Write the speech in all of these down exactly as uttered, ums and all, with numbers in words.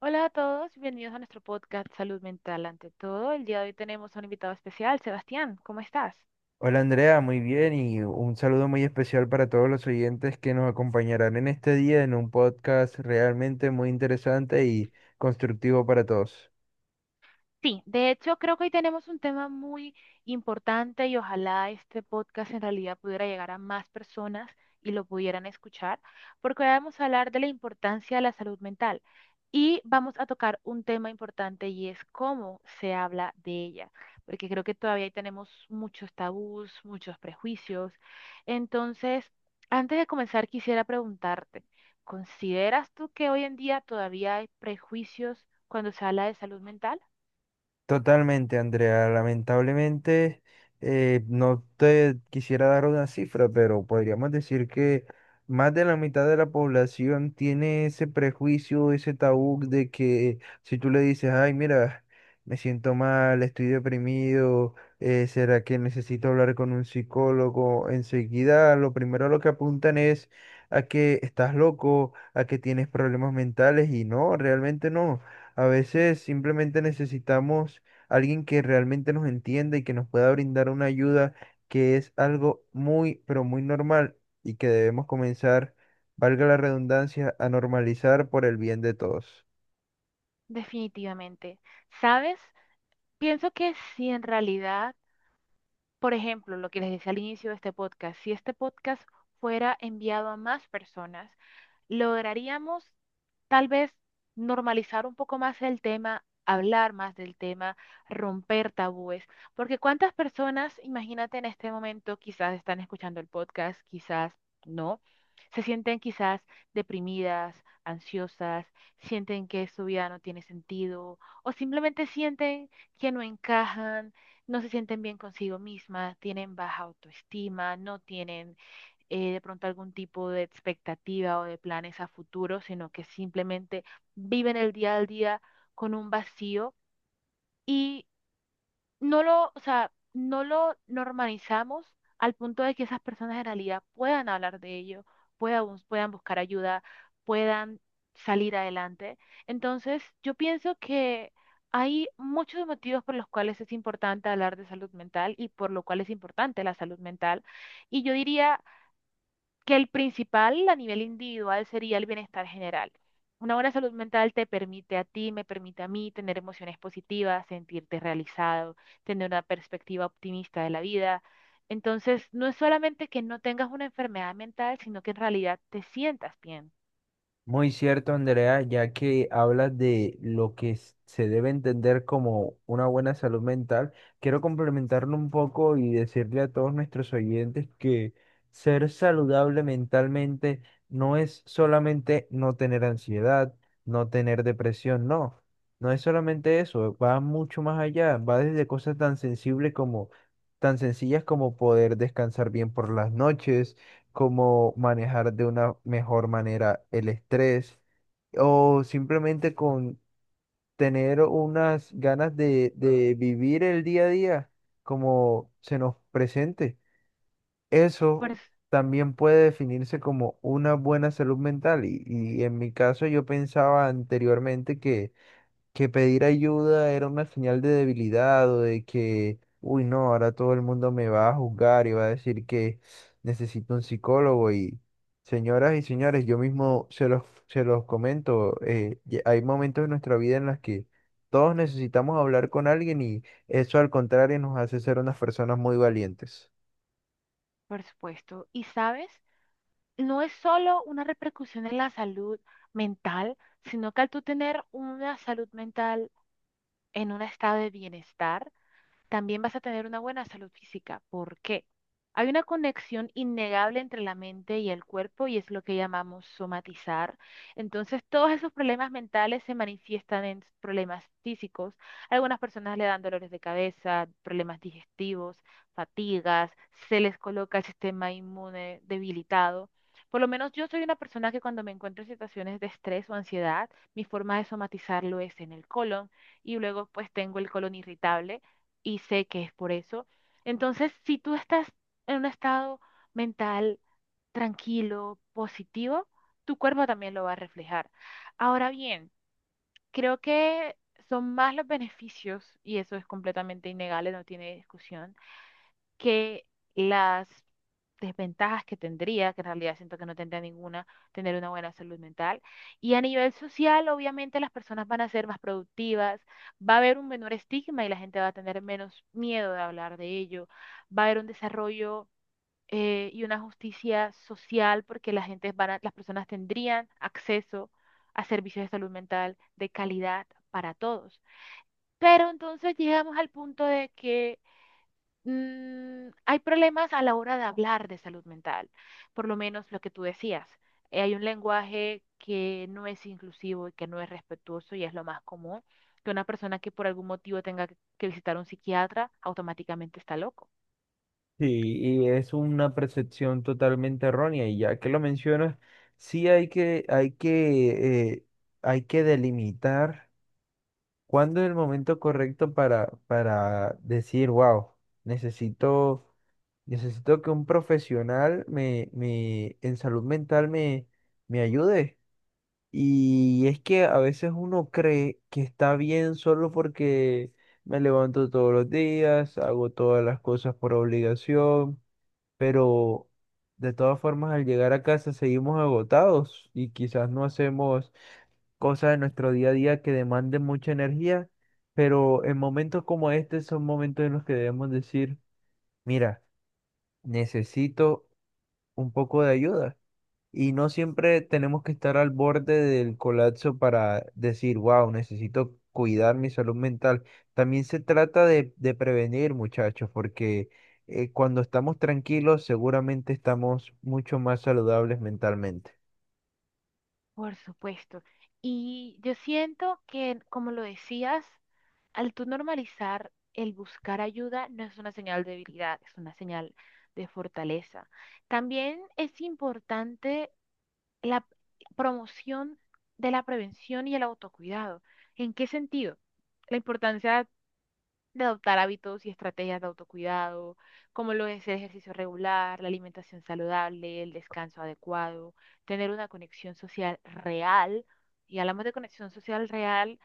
Hola a todos, bienvenidos a nuestro podcast Salud Mental ante todo. El día de hoy tenemos a un invitado especial, Sebastián, ¿cómo estás? Hola, Andrea, muy bien y un saludo muy especial para todos los oyentes que nos acompañarán en este día en un podcast realmente muy interesante y constructivo para todos. Sí, de hecho creo que hoy tenemos un tema muy importante y ojalá este podcast en realidad pudiera llegar a más personas y lo pudieran escuchar, porque hoy vamos a hablar de la importancia de la salud mental y vamos a tocar un tema importante y es cómo se habla de ella, porque creo que todavía ahí tenemos muchos tabús, muchos prejuicios. Entonces, antes de comenzar quisiera preguntarte, ¿consideras tú que hoy en día todavía hay prejuicios cuando se habla de salud mental? Totalmente, Andrea. Lamentablemente, eh, no te quisiera dar una cifra, pero podríamos decir que más de la mitad de la población tiene ese prejuicio, ese tabú de que si tú le dices, ay, mira, me siento mal, estoy deprimido, eh, ¿será que necesito hablar con un psicólogo? Enseguida, lo primero a lo que apuntan es a que estás loco, a que tienes problemas mentales y no, realmente no. A veces simplemente necesitamos alguien que realmente nos entienda y que nos pueda brindar una ayuda que es algo muy, pero muy normal y que debemos comenzar, valga la redundancia, a normalizar por el bien de todos. Definitivamente. ¿Sabes? Pienso que si en realidad, por ejemplo, lo que les decía al inicio de este podcast, si este podcast fuera enviado a más personas, lograríamos tal vez normalizar un poco más el tema, hablar más del tema, romper tabúes, porque cuántas personas, imagínate en este momento, quizás están escuchando el podcast, quizás no, se sienten quizás deprimidas, ansiosas, sienten que su vida no tiene sentido o simplemente sienten que no encajan, no se sienten bien consigo mismas, tienen baja autoestima, no tienen eh, de pronto algún tipo de expectativa o de planes a futuro, sino que simplemente viven el día al día con un vacío y no lo, o sea, no lo normalizamos al punto de que esas personas en realidad puedan hablar de ello, puedan, bus- puedan buscar ayuda, puedan salir adelante. Entonces, yo pienso que hay muchos motivos por los cuales es importante hablar de salud mental y por lo cual es importante la salud mental. Y yo diría que el principal a nivel individual sería el bienestar general. Una buena salud mental te permite a ti, me permite a mí tener emociones positivas, sentirte realizado, tener una perspectiva optimista de la vida. Entonces, no es solamente que no tengas una enfermedad mental, sino que en realidad te sientas bien. Muy cierto, Andrea, ya que hablas de lo que s- se debe entender como una buena salud mental, quiero complementarlo un poco y decirle a todos nuestros oyentes que ser saludable mentalmente no es solamente no tener ansiedad, no tener depresión, no, no es solamente eso, va mucho más allá, va desde cosas tan sensibles como, tan sencillas como poder descansar bien por las noches, cómo manejar de una mejor manera el estrés o simplemente con tener unas ganas de, de vivir el día a día como se nos presente. Eso Por, s- también puede definirse como una buena salud mental. Y, y en mi caso yo pensaba anteriormente que que pedir ayuda era una señal de debilidad o de que, uy, no, ahora todo el mundo me va a juzgar y va a decir que necesito un psicólogo. Y señoras y señores, yo mismo se los, se los comento, eh, ye- hay momentos en nuestra vida en las que todos necesitamos hablar con alguien y eso al contrario nos hace ser unas personas muy valientes. por supuesto. Y sabes, no es solo una repercusión en la salud mental, sino que al tú tener una salud mental en un estado de bienestar, también vas a tener una buena salud física. ¿Por qué? Hay una conexión innegable entre la mente y el cuerpo y es lo que llamamos somatizar. Entonces, todos esos problemas mentales se manifiestan en problemas físicos. A algunas personas le dan dolores de cabeza, problemas digestivos, fatigas, se les coloca el sistema inmune debilitado. Por lo menos yo soy una persona que cuando me encuentro en situaciones de estrés o ansiedad, mi forma de somatizarlo es en el colon y luego pues tengo el colon irritable y sé que es por eso. Entonces, si tú estás en un estado mental tranquilo, positivo, tu cuerpo también lo va a reflejar. Ahora bien, creo que son más los beneficios, y eso es completamente innegable, no tiene discusión que las desventajas que tendría, que en realidad siento que no tendría ninguna, tener una buena salud mental. Y a nivel social, obviamente las personas van a ser más productivas, va a haber un menor estigma y la gente va a tener menos miedo de hablar de ello, va a haber un desarrollo eh, y una justicia social porque la gente van a- las personas tendrían acceso a servicios de salud mental de calidad para todos. Pero entonces llegamos al punto de que mm, hay problemas a la hora de hablar de salud mental, por lo menos lo que tú decías. Eh, hay un lenguaje que no es inclusivo y que no es respetuoso y es lo más común, que una persona que por algún motivo tenga que que visitar a un psiquiatra automáticamente está loco. Sí, y es una percepción totalmente errónea y ya que lo mencionas, sí hay que, hay que, eh, hay que delimitar. ¿Cuándo es el momento correcto para, para decir, wow, necesito, necesito que un profesional me, me, en salud mental me, me ayude? Y es que a veces uno cree que está bien solo porque me levanto todos los días, hago todas las cosas por obligación, pero de todas formas al llegar a casa seguimos agotados y quizás no hacemos cosas de nuestro día a día que demanden mucha energía, pero en momentos como este son momentos en los que debemos decir, mira, necesito un poco de ayuda. Y no siempre tenemos que estar al borde del colapso para decir, wow, necesito cuidar mi salud mental. También se trata de, de prevenir, muchachos, porque eh, cuando estamos tranquilos, seguramente estamos mucho más saludables mentalmente. Por supuesto. Y yo siento que, como lo decías, al tú normalizar el buscar ayuda no es una señal de debilidad, es una señal de fortaleza. También es importante la promoción de la prevención y el autocuidado. ¿En qué sentido? La importancia de adoptar hábitos y estrategias de autocuidado, como lo es el ejercicio regular, la alimentación saludable, el descanso adecuado, tener una conexión social real. Y hablamos de conexión social real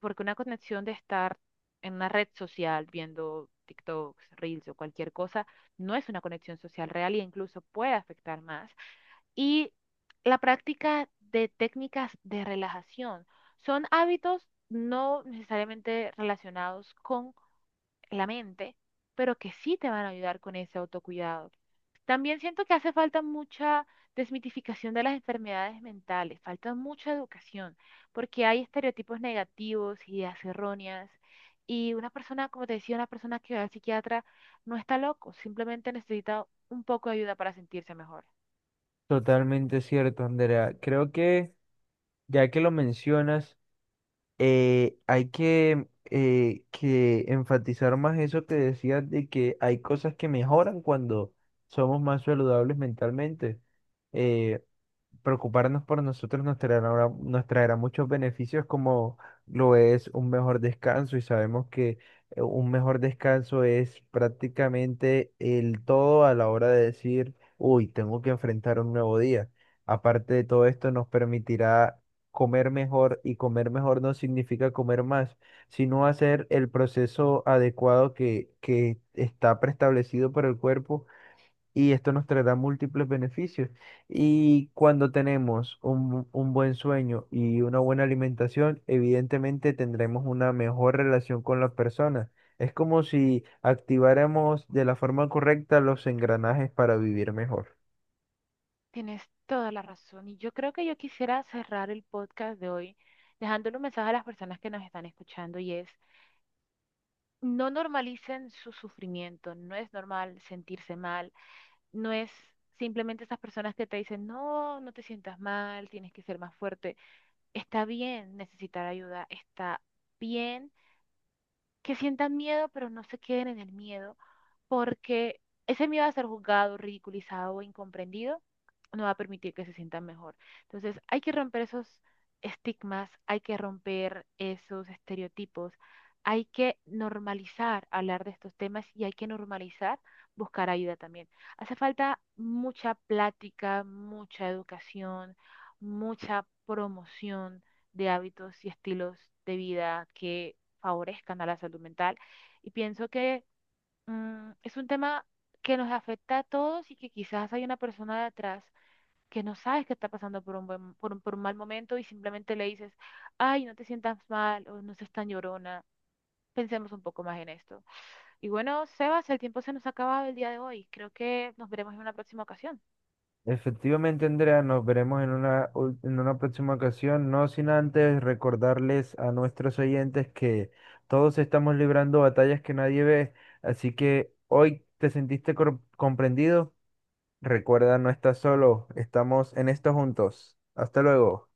porque una conexión de estar en una red social viendo TikToks, Reels o cualquier cosa, no es una conexión social real e incluso puede afectar más y la práctica de técnicas de relajación. Son hábitos no necesariamente relacionados con la mente, pero que sí te van a ayudar con ese autocuidado. También siento que hace falta mucha desmitificación de las enfermedades mentales, falta mucha educación, porque hay estereotipos negativos, ideas erróneas, y una persona, como te decía, una persona que va al psiquiatra no está loco, simplemente necesita un poco de ayuda para sentirse mejor. Totalmente cierto, Andrea. Creo que ya que lo mencionas, eh, hay que, eh, que enfatizar más eso que decías de que hay cosas que mejoran cuando somos más saludables mentalmente. Eh, Preocuparnos por nosotros nos traerá, nos traerá muchos beneficios como lo es un mejor descanso y sabemos que eh, un mejor descanso es prácticamente el todo a la hora de decir, uy, tengo que enfrentar un nuevo día. Aparte de todo esto, nos permitirá comer mejor, y comer mejor no significa comer más, sino hacer el proceso adecuado que, que está preestablecido por el cuerpo, y esto nos traerá múltiples beneficios. Y cuando tenemos un, un buen sueño y una buena alimentación, evidentemente tendremos una mejor relación con las personas. Es como si activáramos de la forma correcta los engranajes para vivir mejor. Tienes toda la razón. Y yo creo que yo quisiera cerrar el podcast de hoy dejándole un mensaje a las personas que nos están escuchando y es, no normalicen su sufrimiento, no es normal sentirse mal, no es simplemente esas personas que te dicen, no, no te sientas mal, tienes que ser más fuerte. Está bien necesitar ayuda, está bien que sientan miedo, pero no se queden en el miedo porque ese miedo a ser juzgado, ridiculizado o incomprendido no va a permitir que se sientan mejor. Entonces, hay que romper esos estigmas, hay que romper esos estereotipos, hay que normalizar hablar de estos temas y hay que normalizar buscar ayuda también. Hace falta mucha plática, mucha educación, mucha promoción de hábitos y estilos de vida que favorezcan a la salud mental. Y pienso que mm, es un tema que nos afecta a todos y que quizás hay una persona de atrás que no sabes que está pasando por un buen, por un, por un mal momento y simplemente le dices, ay, no te sientas mal o no seas tan llorona. Pensemos un poco más en esto. Y bueno, Sebas, el tiempo se nos ha acabado el día de hoy. Creo que nos veremos en una próxima ocasión. Efectivamente, Andrea, nos veremos en una, ul- en una próxima ocasión, no sin antes recordarles a nuestros oyentes que todos estamos librando batallas que nadie ve, así que hoy te sentiste cor- comprendido. Recuerda, no estás solo, estamos en esto juntos. Hasta luego.